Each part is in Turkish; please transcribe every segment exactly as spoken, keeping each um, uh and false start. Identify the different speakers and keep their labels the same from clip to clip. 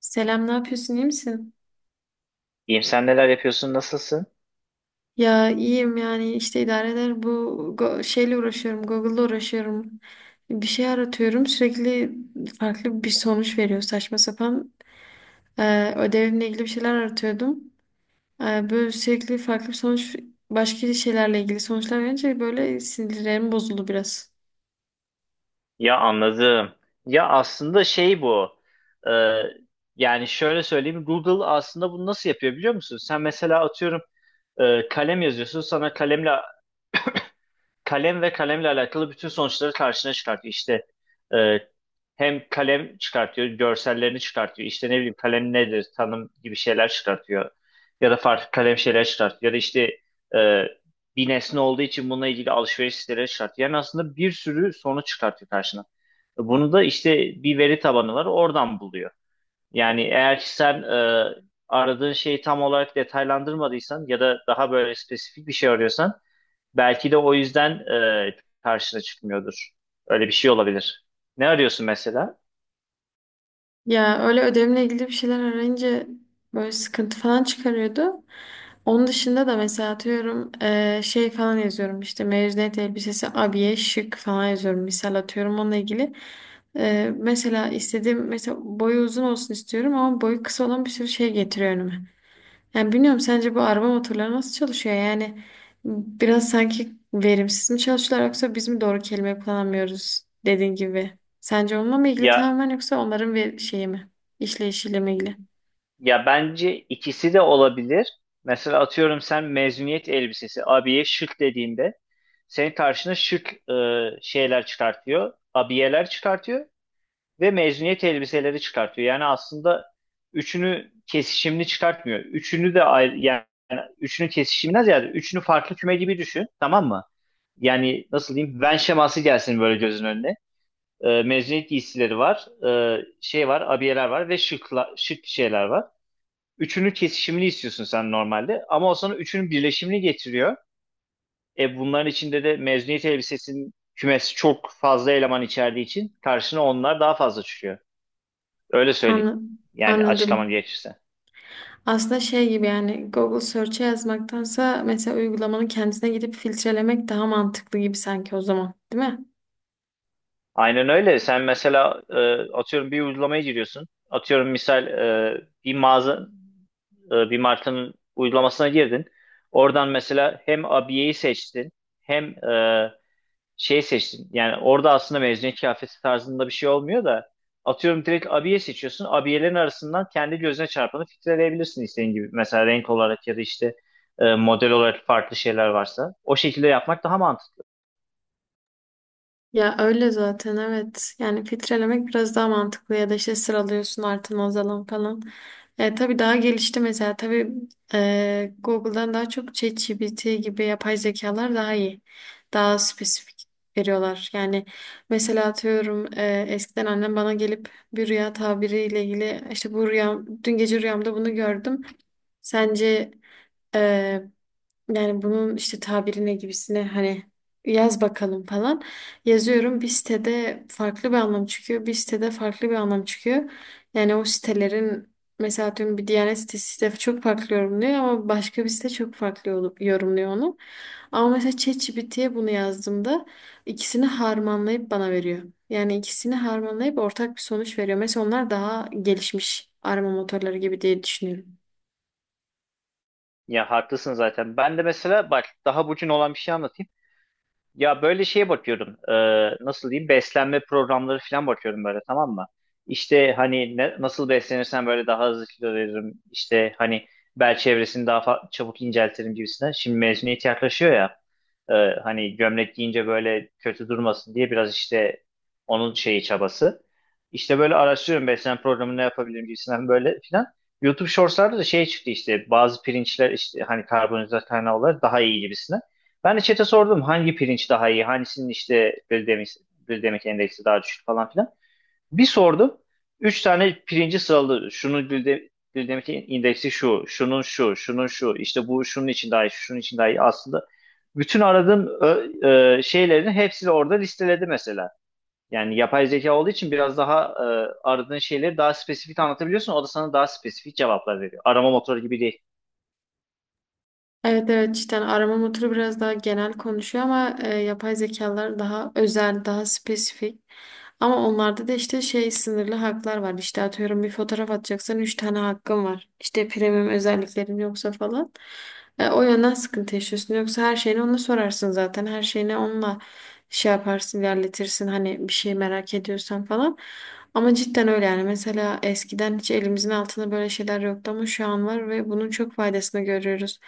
Speaker 1: Selam, ne yapıyorsun, iyi misin?
Speaker 2: İyiyim, sen neler yapıyorsun, nasılsın?
Speaker 1: Ya iyiyim yani işte idare eder. Bu go- şeyle uğraşıyorum, Google'la uğraşıyorum. Bir şey aratıyorum, sürekli farklı bir sonuç veriyor saçma sapan. Ee, ödevimle ilgili bir şeyler aratıyordum. Ee, böyle sürekli farklı bir sonuç, başka şeylerle ilgili sonuçlar verince böyle sinirlerim bozuldu biraz.
Speaker 2: Ya anladım. Ya aslında şey bu. Ee, Yani şöyle söyleyeyim, Google aslında bunu nasıl yapıyor biliyor musun? Sen mesela atıyorum e, kalem yazıyorsun, sana kalemle kalem ve kalemle alakalı bütün sonuçları karşına çıkartıyor. İşte e, hem kalem çıkartıyor, görsellerini çıkartıyor. İşte ne bileyim kalem nedir, tanım gibi şeyler çıkartıyor. Ya da farklı kalem şeyler çıkartıyor. Ya da işte e, bir nesne olduğu için bununla ilgili alışveriş siteleri çıkartıyor. Yani aslında bir sürü sonuç çıkartıyor karşına. Bunu da işte bir veri tabanı var, oradan buluyor. Yani eğer ki sen e, aradığın şeyi tam olarak detaylandırmadıysan ya da daha böyle spesifik bir şey arıyorsan belki de o yüzden e, karşına çıkmıyordur. Öyle bir şey olabilir. Ne arıyorsun mesela?
Speaker 1: Ya öyle ödevimle ilgili bir şeyler arayınca böyle sıkıntı falan çıkarıyordu. Onun dışında da mesela atıyorum eee, şey falan yazıyorum işte mezuniyet elbisesi abiye şık falan yazıyorum misal atıyorum onunla ilgili. Eee, mesela istediğim mesela boyu uzun olsun istiyorum ama boyu kısa olan bir sürü şey getiriyor önüme. Yani bilmiyorum sence bu araba motorları nasıl çalışıyor? Yani biraz sanki verimsiz mi çalışıyorlar yoksa biz mi doğru kelime kullanamıyoruz dediğin gibi. Sence onunla mı ilgili
Speaker 2: Ya
Speaker 1: tamamen yoksa onların ve şeyi mi? İşleyişiyle mi ilgili?
Speaker 2: ya bence ikisi de olabilir. Mesela atıyorum sen mezuniyet elbisesi abiye şık dediğinde senin karşına şık e, şeyler çıkartıyor. Abiyeler çıkartıyor ve mezuniyet elbiseleri çıkartıyor. Yani aslında üçünü kesişimli çıkartmıyor. Üçünü de ayrı, yani üçünü kesişimden ziyade üçünü farklı küme gibi düşün. Tamam mı? Yani nasıl diyeyim? Venn şeması gelsin böyle gözün önüne. Ee, mezuniyet giysileri var. Ee, şey var. Abiyeler var ve şıkla, şık şeyler var. Üçünü kesişimli istiyorsun sen normalde. Ama o sana üçünün birleşimini getiriyor. E bunların içinde de mezuniyet elbisesinin kümesi çok fazla eleman içerdiği için karşına onlar daha fazla çıkıyor. Öyle söyleyeyim.
Speaker 1: Anla-
Speaker 2: Yani açıklamam
Speaker 1: Anladım.
Speaker 2: gerekirse.
Speaker 1: Aslında şey gibi yani Google Search'e yazmaktansa mesela uygulamanın kendisine gidip filtrelemek daha mantıklı gibi sanki o zaman, değil mi?
Speaker 2: Aynen öyle. Sen mesela e, atıyorum bir uygulamaya giriyorsun. Atıyorum misal e, bir mağaza, e, bir markanın uygulamasına girdin. Oradan mesela hem abiyeyi seçtin hem e, şey seçtin. Yani orada aslında mezuniyet kıyafeti tarzında bir şey olmuyor da atıyorum direkt abiye seçiyorsun. Abiyelerin arasından kendi gözüne çarpanı filtreleyebilirsin istediğin gibi. Mesela renk olarak ya da işte e, model olarak farklı şeyler varsa. O şekilde yapmak daha mantıklı.
Speaker 1: Ya öyle zaten evet. Yani filtrelemek biraz daha mantıklı ya da işte sıralıyorsun artan azalan falan. E, tabii daha gelişti mesela. Tabii e, Google'dan daha çok ChatGPT gibi yapay zekalar daha iyi. Daha spesifik veriyorlar. Yani mesela atıyorum e, eskiden annem bana gelip bir rüya tabiriyle ilgili işte bu rüyam dün gece rüyamda bunu gördüm. Sence e, yani bunun işte tabirine gibisine hani yaz bakalım falan. Yazıyorum bir sitede farklı bir anlam çıkıyor. Bir sitede farklı bir anlam çıkıyor. Yani o sitelerin mesela atıyorum bir Diyanet sitesi de çok farklı yorumluyor ama başka bir site çok farklı olup yorumluyor onu. Ama mesela ChatGPT'ye bunu yazdığımda ikisini harmanlayıp bana veriyor. Yani ikisini harmanlayıp ortak bir sonuç veriyor. Mesela onlar daha gelişmiş arama motorları gibi diye düşünüyorum.
Speaker 2: Ya haklısın zaten. Ben de mesela bak daha bugün olan bir şey anlatayım. Ya böyle şeye bakıyorum. E, nasıl diyeyim? Beslenme programları falan bakıyorum böyle, tamam mı? İşte hani ne- nasıl beslenirsen böyle daha hızlı kilo veririm. İşte hani bel çevresini daha fa- çabuk inceltirim gibisinden. Şimdi mezuniyet yaklaşıyor ya. e, Hani gömlek giyince böyle kötü durmasın diye biraz işte onun şeyi çabası. İşte böyle araştırıyorum beslenme programı ne yapabilirim gibisinden böyle filan. YouTube Shorts'larda da şey çıktı işte bazı pirinçler işte hani karbonhidrat kaynağı olarak daha iyi gibisinden. Ben de chat'e sordum hangi pirinç daha iyi, hangisinin işte glisemik, glisemik endeksi daha düşük falan filan. Bir sordum. Üç tane pirinci sıraladı. Şunun glide, glisemik indeksi şu, şunun şu, şunun şu, işte bu şunun için daha iyi, şunun için daha iyi. Aslında bütün aradığım ö- e, şeylerin hepsini orada listeledi mesela. Yani yapay zeka olduğu için biraz daha e, aradığın şeyleri daha spesifik anlatabiliyorsun. O da sana daha spesifik cevaplar veriyor. Arama motoru gibi değil.
Speaker 1: Evet evet cidden arama motoru biraz daha genel konuşuyor ama e, yapay zekalar daha özel, daha spesifik. Ama onlarda da işte şey sınırlı haklar var. İşte atıyorum bir fotoğraf atacaksan üç tane hakkın var. İşte premium özelliklerin yoksa falan. E, o yönden sıkıntı yaşıyorsun. Yoksa her şeyini ona sorarsın zaten. Her şeyini onunla şey yaparsın, ilerletirsin. Hani bir şey merak ediyorsan falan. Ama cidden öyle yani. Mesela eskiden hiç elimizin altında böyle şeyler yoktu ama şu an var ve bunun çok faydasını görüyoruz.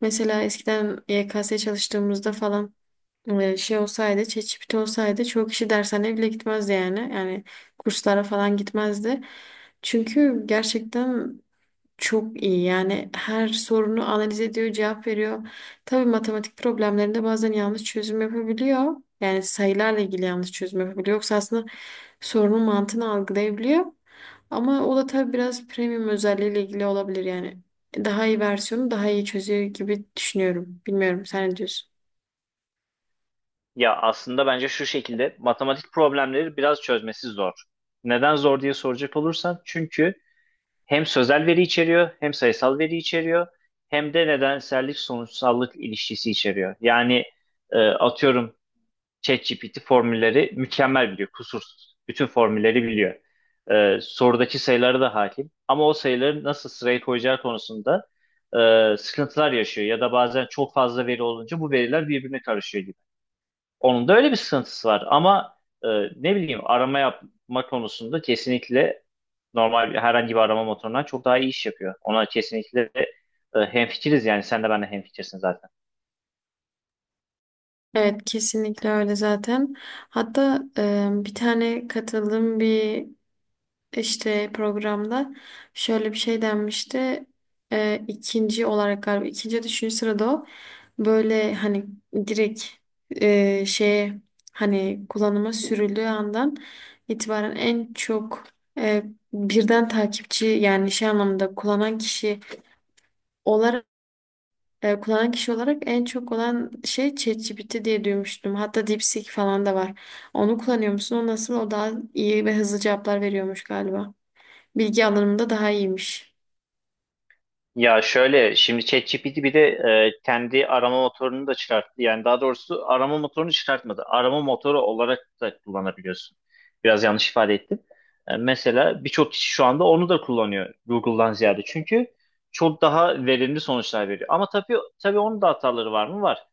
Speaker 1: Mesela eskiden Y K S çalıştığımızda falan e, şey olsaydı, ChatGPT olsaydı çoğu kişi dershaneye bile gitmezdi yani. Yani kurslara falan gitmezdi. Çünkü gerçekten çok iyi yani her sorunu analiz ediyor, cevap veriyor. Tabii matematik problemlerinde bazen yanlış çözüm yapabiliyor. Yani sayılarla ilgili yanlış çözüm yapabiliyor. Yoksa aslında sorunun mantığını algılayabiliyor. Ama o da tabii biraz premium özelliğiyle ilgili olabilir yani. Daha iyi versiyonu daha iyi çözüyor gibi düşünüyorum. Bilmiyorum sen ne diyorsun?
Speaker 2: Ya aslında bence şu şekilde matematik problemleri biraz çözmesi zor. Neden zor diye soracak olursan çünkü hem sözel veri içeriyor hem sayısal veri içeriyor hem de nedensellik sonuçsallık ilişkisi içeriyor. Yani e, atıyorum ChatGPT formülleri mükemmel biliyor, kusursuz. Bütün formülleri biliyor. E, sorudaki sayılara da hakim ama o sayıları nasıl sıraya koyacağı konusunda e, sıkıntılar yaşıyor ya da bazen çok fazla veri olunca bu veriler birbirine karışıyor gibi. Onun da öyle bir sıkıntısı var ama e, ne bileyim arama yapma konusunda kesinlikle normal bir- herhangi bir arama motorundan çok daha iyi iş yapıyor. Ona kesinlikle e, hemfikiriz, yani sen de ben de hemfikirsin zaten.
Speaker 1: Evet kesinlikle öyle zaten. Hatta e, bir tane katıldığım bir işte programda şöyle bir şey denmişti. Ee, ikinci olarak galiba ikinci ya da üçüncü sırada o böyle hani direkt e, şeye hani kullanıma sürüldüğü andan itibaren en çok e, birden takipçi yani şey anlamında kullanan kişi olarak e, kullanan kişi olarak en çok olan şey ChatGPT diye duymuştum. Hatta DeepSeek falan da var. Onu kullanıyor musun? O nasıl? O daha iyi ve hızlı cevaplar veriyormuş galiba. Bilgi alanımda daha iyiymiş.
Speaker 2: Ya şöyle, şimdi ChatGPT bir de e, kendi arama motorunu da çıkarttı. Yani daha doğrusu arama motorunu çıkartmadı. Arama motoru olarak da kullanabiliyorsun. Biraz yanlış ifade ettim. E, mesela birçok kişi şu anda onu da kullanıyor Google'dan ziyade. Çünkü çok daha verimli sonuçlar veriyor. Ama tabii tabii onun da hataları var mı? Var.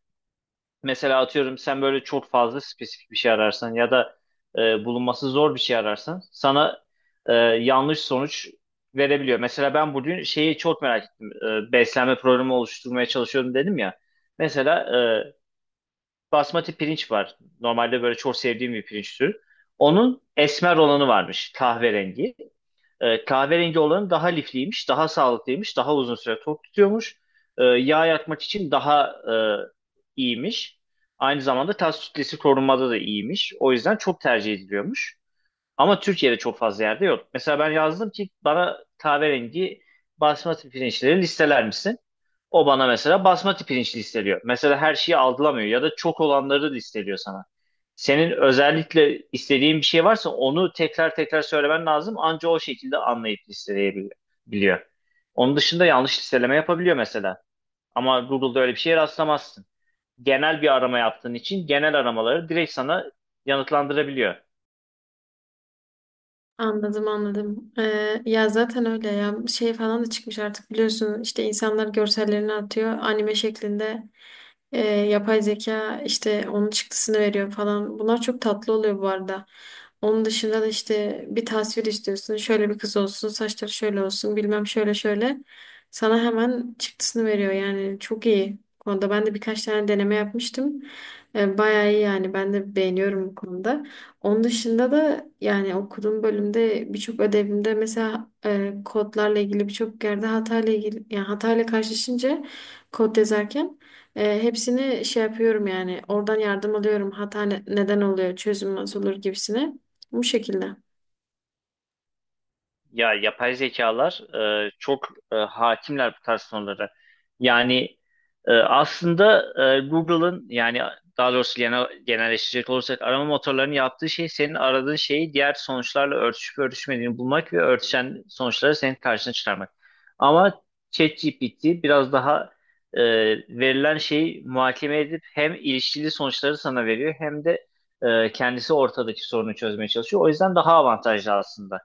Speaker 2: Mesela atıyorum sen böyle çok fazla spesifik bir şey ararsan ya da e, bulunması zor bir şey ararsan sana e, yanlış sonuç verebiliyor. Mesela ben bugün şeyi çok merak ettim. E, beslenme programı oluşturmaya çalışıyorum dedim ya. Mesela e, basmati pirinç var. Normalde böyle çok sevdiğim bir pirinç türü. Onun esmer olanı varmış, kahverengi. E, kahverengi olanı daha lifliymiş, daha sağlıklıymış, daha uzun süre tok tutuyormuş. E, yağ yakmak için daha e, iyiymiş. Aynı zamanda tas kütlesi korunmada da iyiymiş. O yüzden çok tercih ediliyormuş. Ama Türkiye'de çok fazla yerde yok. Mesela ben yazdım ki bana kahverengi basmati pirinçleri listeler misin? O bana mesela basmati pirinç listeliyor. Mesela her şeyi algılamıyor ya da çok olanları listeliyor sana. Senin özellikle istediğin bir şey varsa onu tekrar tekrar söylemen lazım. Anca o şekilde anlayıp listeleyebiliyor. Onun dışında yanlış listeleme yapabiliyor mesela. Ama Google'da öyle bir şeye rastlamazsın. Genel bir arama yaptığın için genel aramaları direkt sana yanıtlandırabiliyor.
Speaker 1: Anladım anladım. Ee, ya zaten öyle ya şey falan da çıkmış artık biliyorsun işte insanlar görsellerini atıyor anime şeklinde. Ee, yapay zeka işte onun çıktısını veriyor falan. Bunlar çok tatlı oluyor bu arada. Onun dışında da işte bir tasvir istiyorsun şöyle bir kız olsun saçları şöyle olsun bilmem şöyle şöyle sana hemen çıktısını veriyor yani çok iyi. Bu konuda ben de birkaç tane deneme yapmıştım. Ee, bayağı iyi yani ben de beğeniyorum bu konuda. Onun dışında da yani okuduğum bölümde birçok ödevimde mesela e, kodlarla ilgili birçok yerde hatayla ilgili yani hatayla karşılaşınca kod yazarken e, hepsini şey yapıyorum yani oradan yardım alıyorum hata ne- neden oluyor çözüm nasıl olur gibisine bu şekilde.
Speaker 2: Ya yapay zekalar e, çok e, hakimler bu tarz konulara. Yani e, aslında e, Google'ın yani daha doğrusu genel, genelleştirecek olursak arama motorlarının yaptığı şey senin aradığın şeyi diğer sonuçlarla örtüşüp örtüşmediğini bulmak ve örtüşen sonuçları senin karşına çıkarmak. Ama ChatGPT biraz daha e, verilen şeyi muhakeme edip hem ilişkili sonuçları sana veriyor hem de e, kendisi ortadaki sorunu çözmeye çalışıyor. O yüzden daha avantajlı aslında.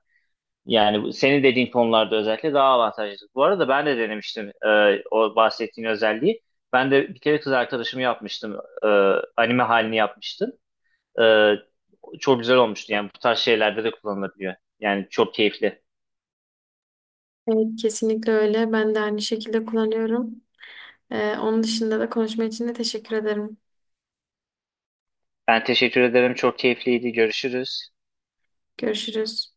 Speaker 2: Yani bu- senin dediğin konularda özellikle daha avantajlı. Bu arada ben de denemiştim e, o bahsettiğin özelliği. Ben de bir kere kız arkadaşımı yapmıştım. E, anime halini yapmıştım. E, çok güzel olmuştu. Yani bu tarz şeylerde de kullanılabiliyor. Yani çok keyifli.
Speaker 1: Evet kesinlikle öyle ben de aynı şekilde kullanıyorum. E, onun dışında da konuşma için de teşekkür ederim.
Speaker 2: Ben teşekkür ederim. Çok keyifliydi. Görüşürüz.
Speaker 1: Görüşürüz.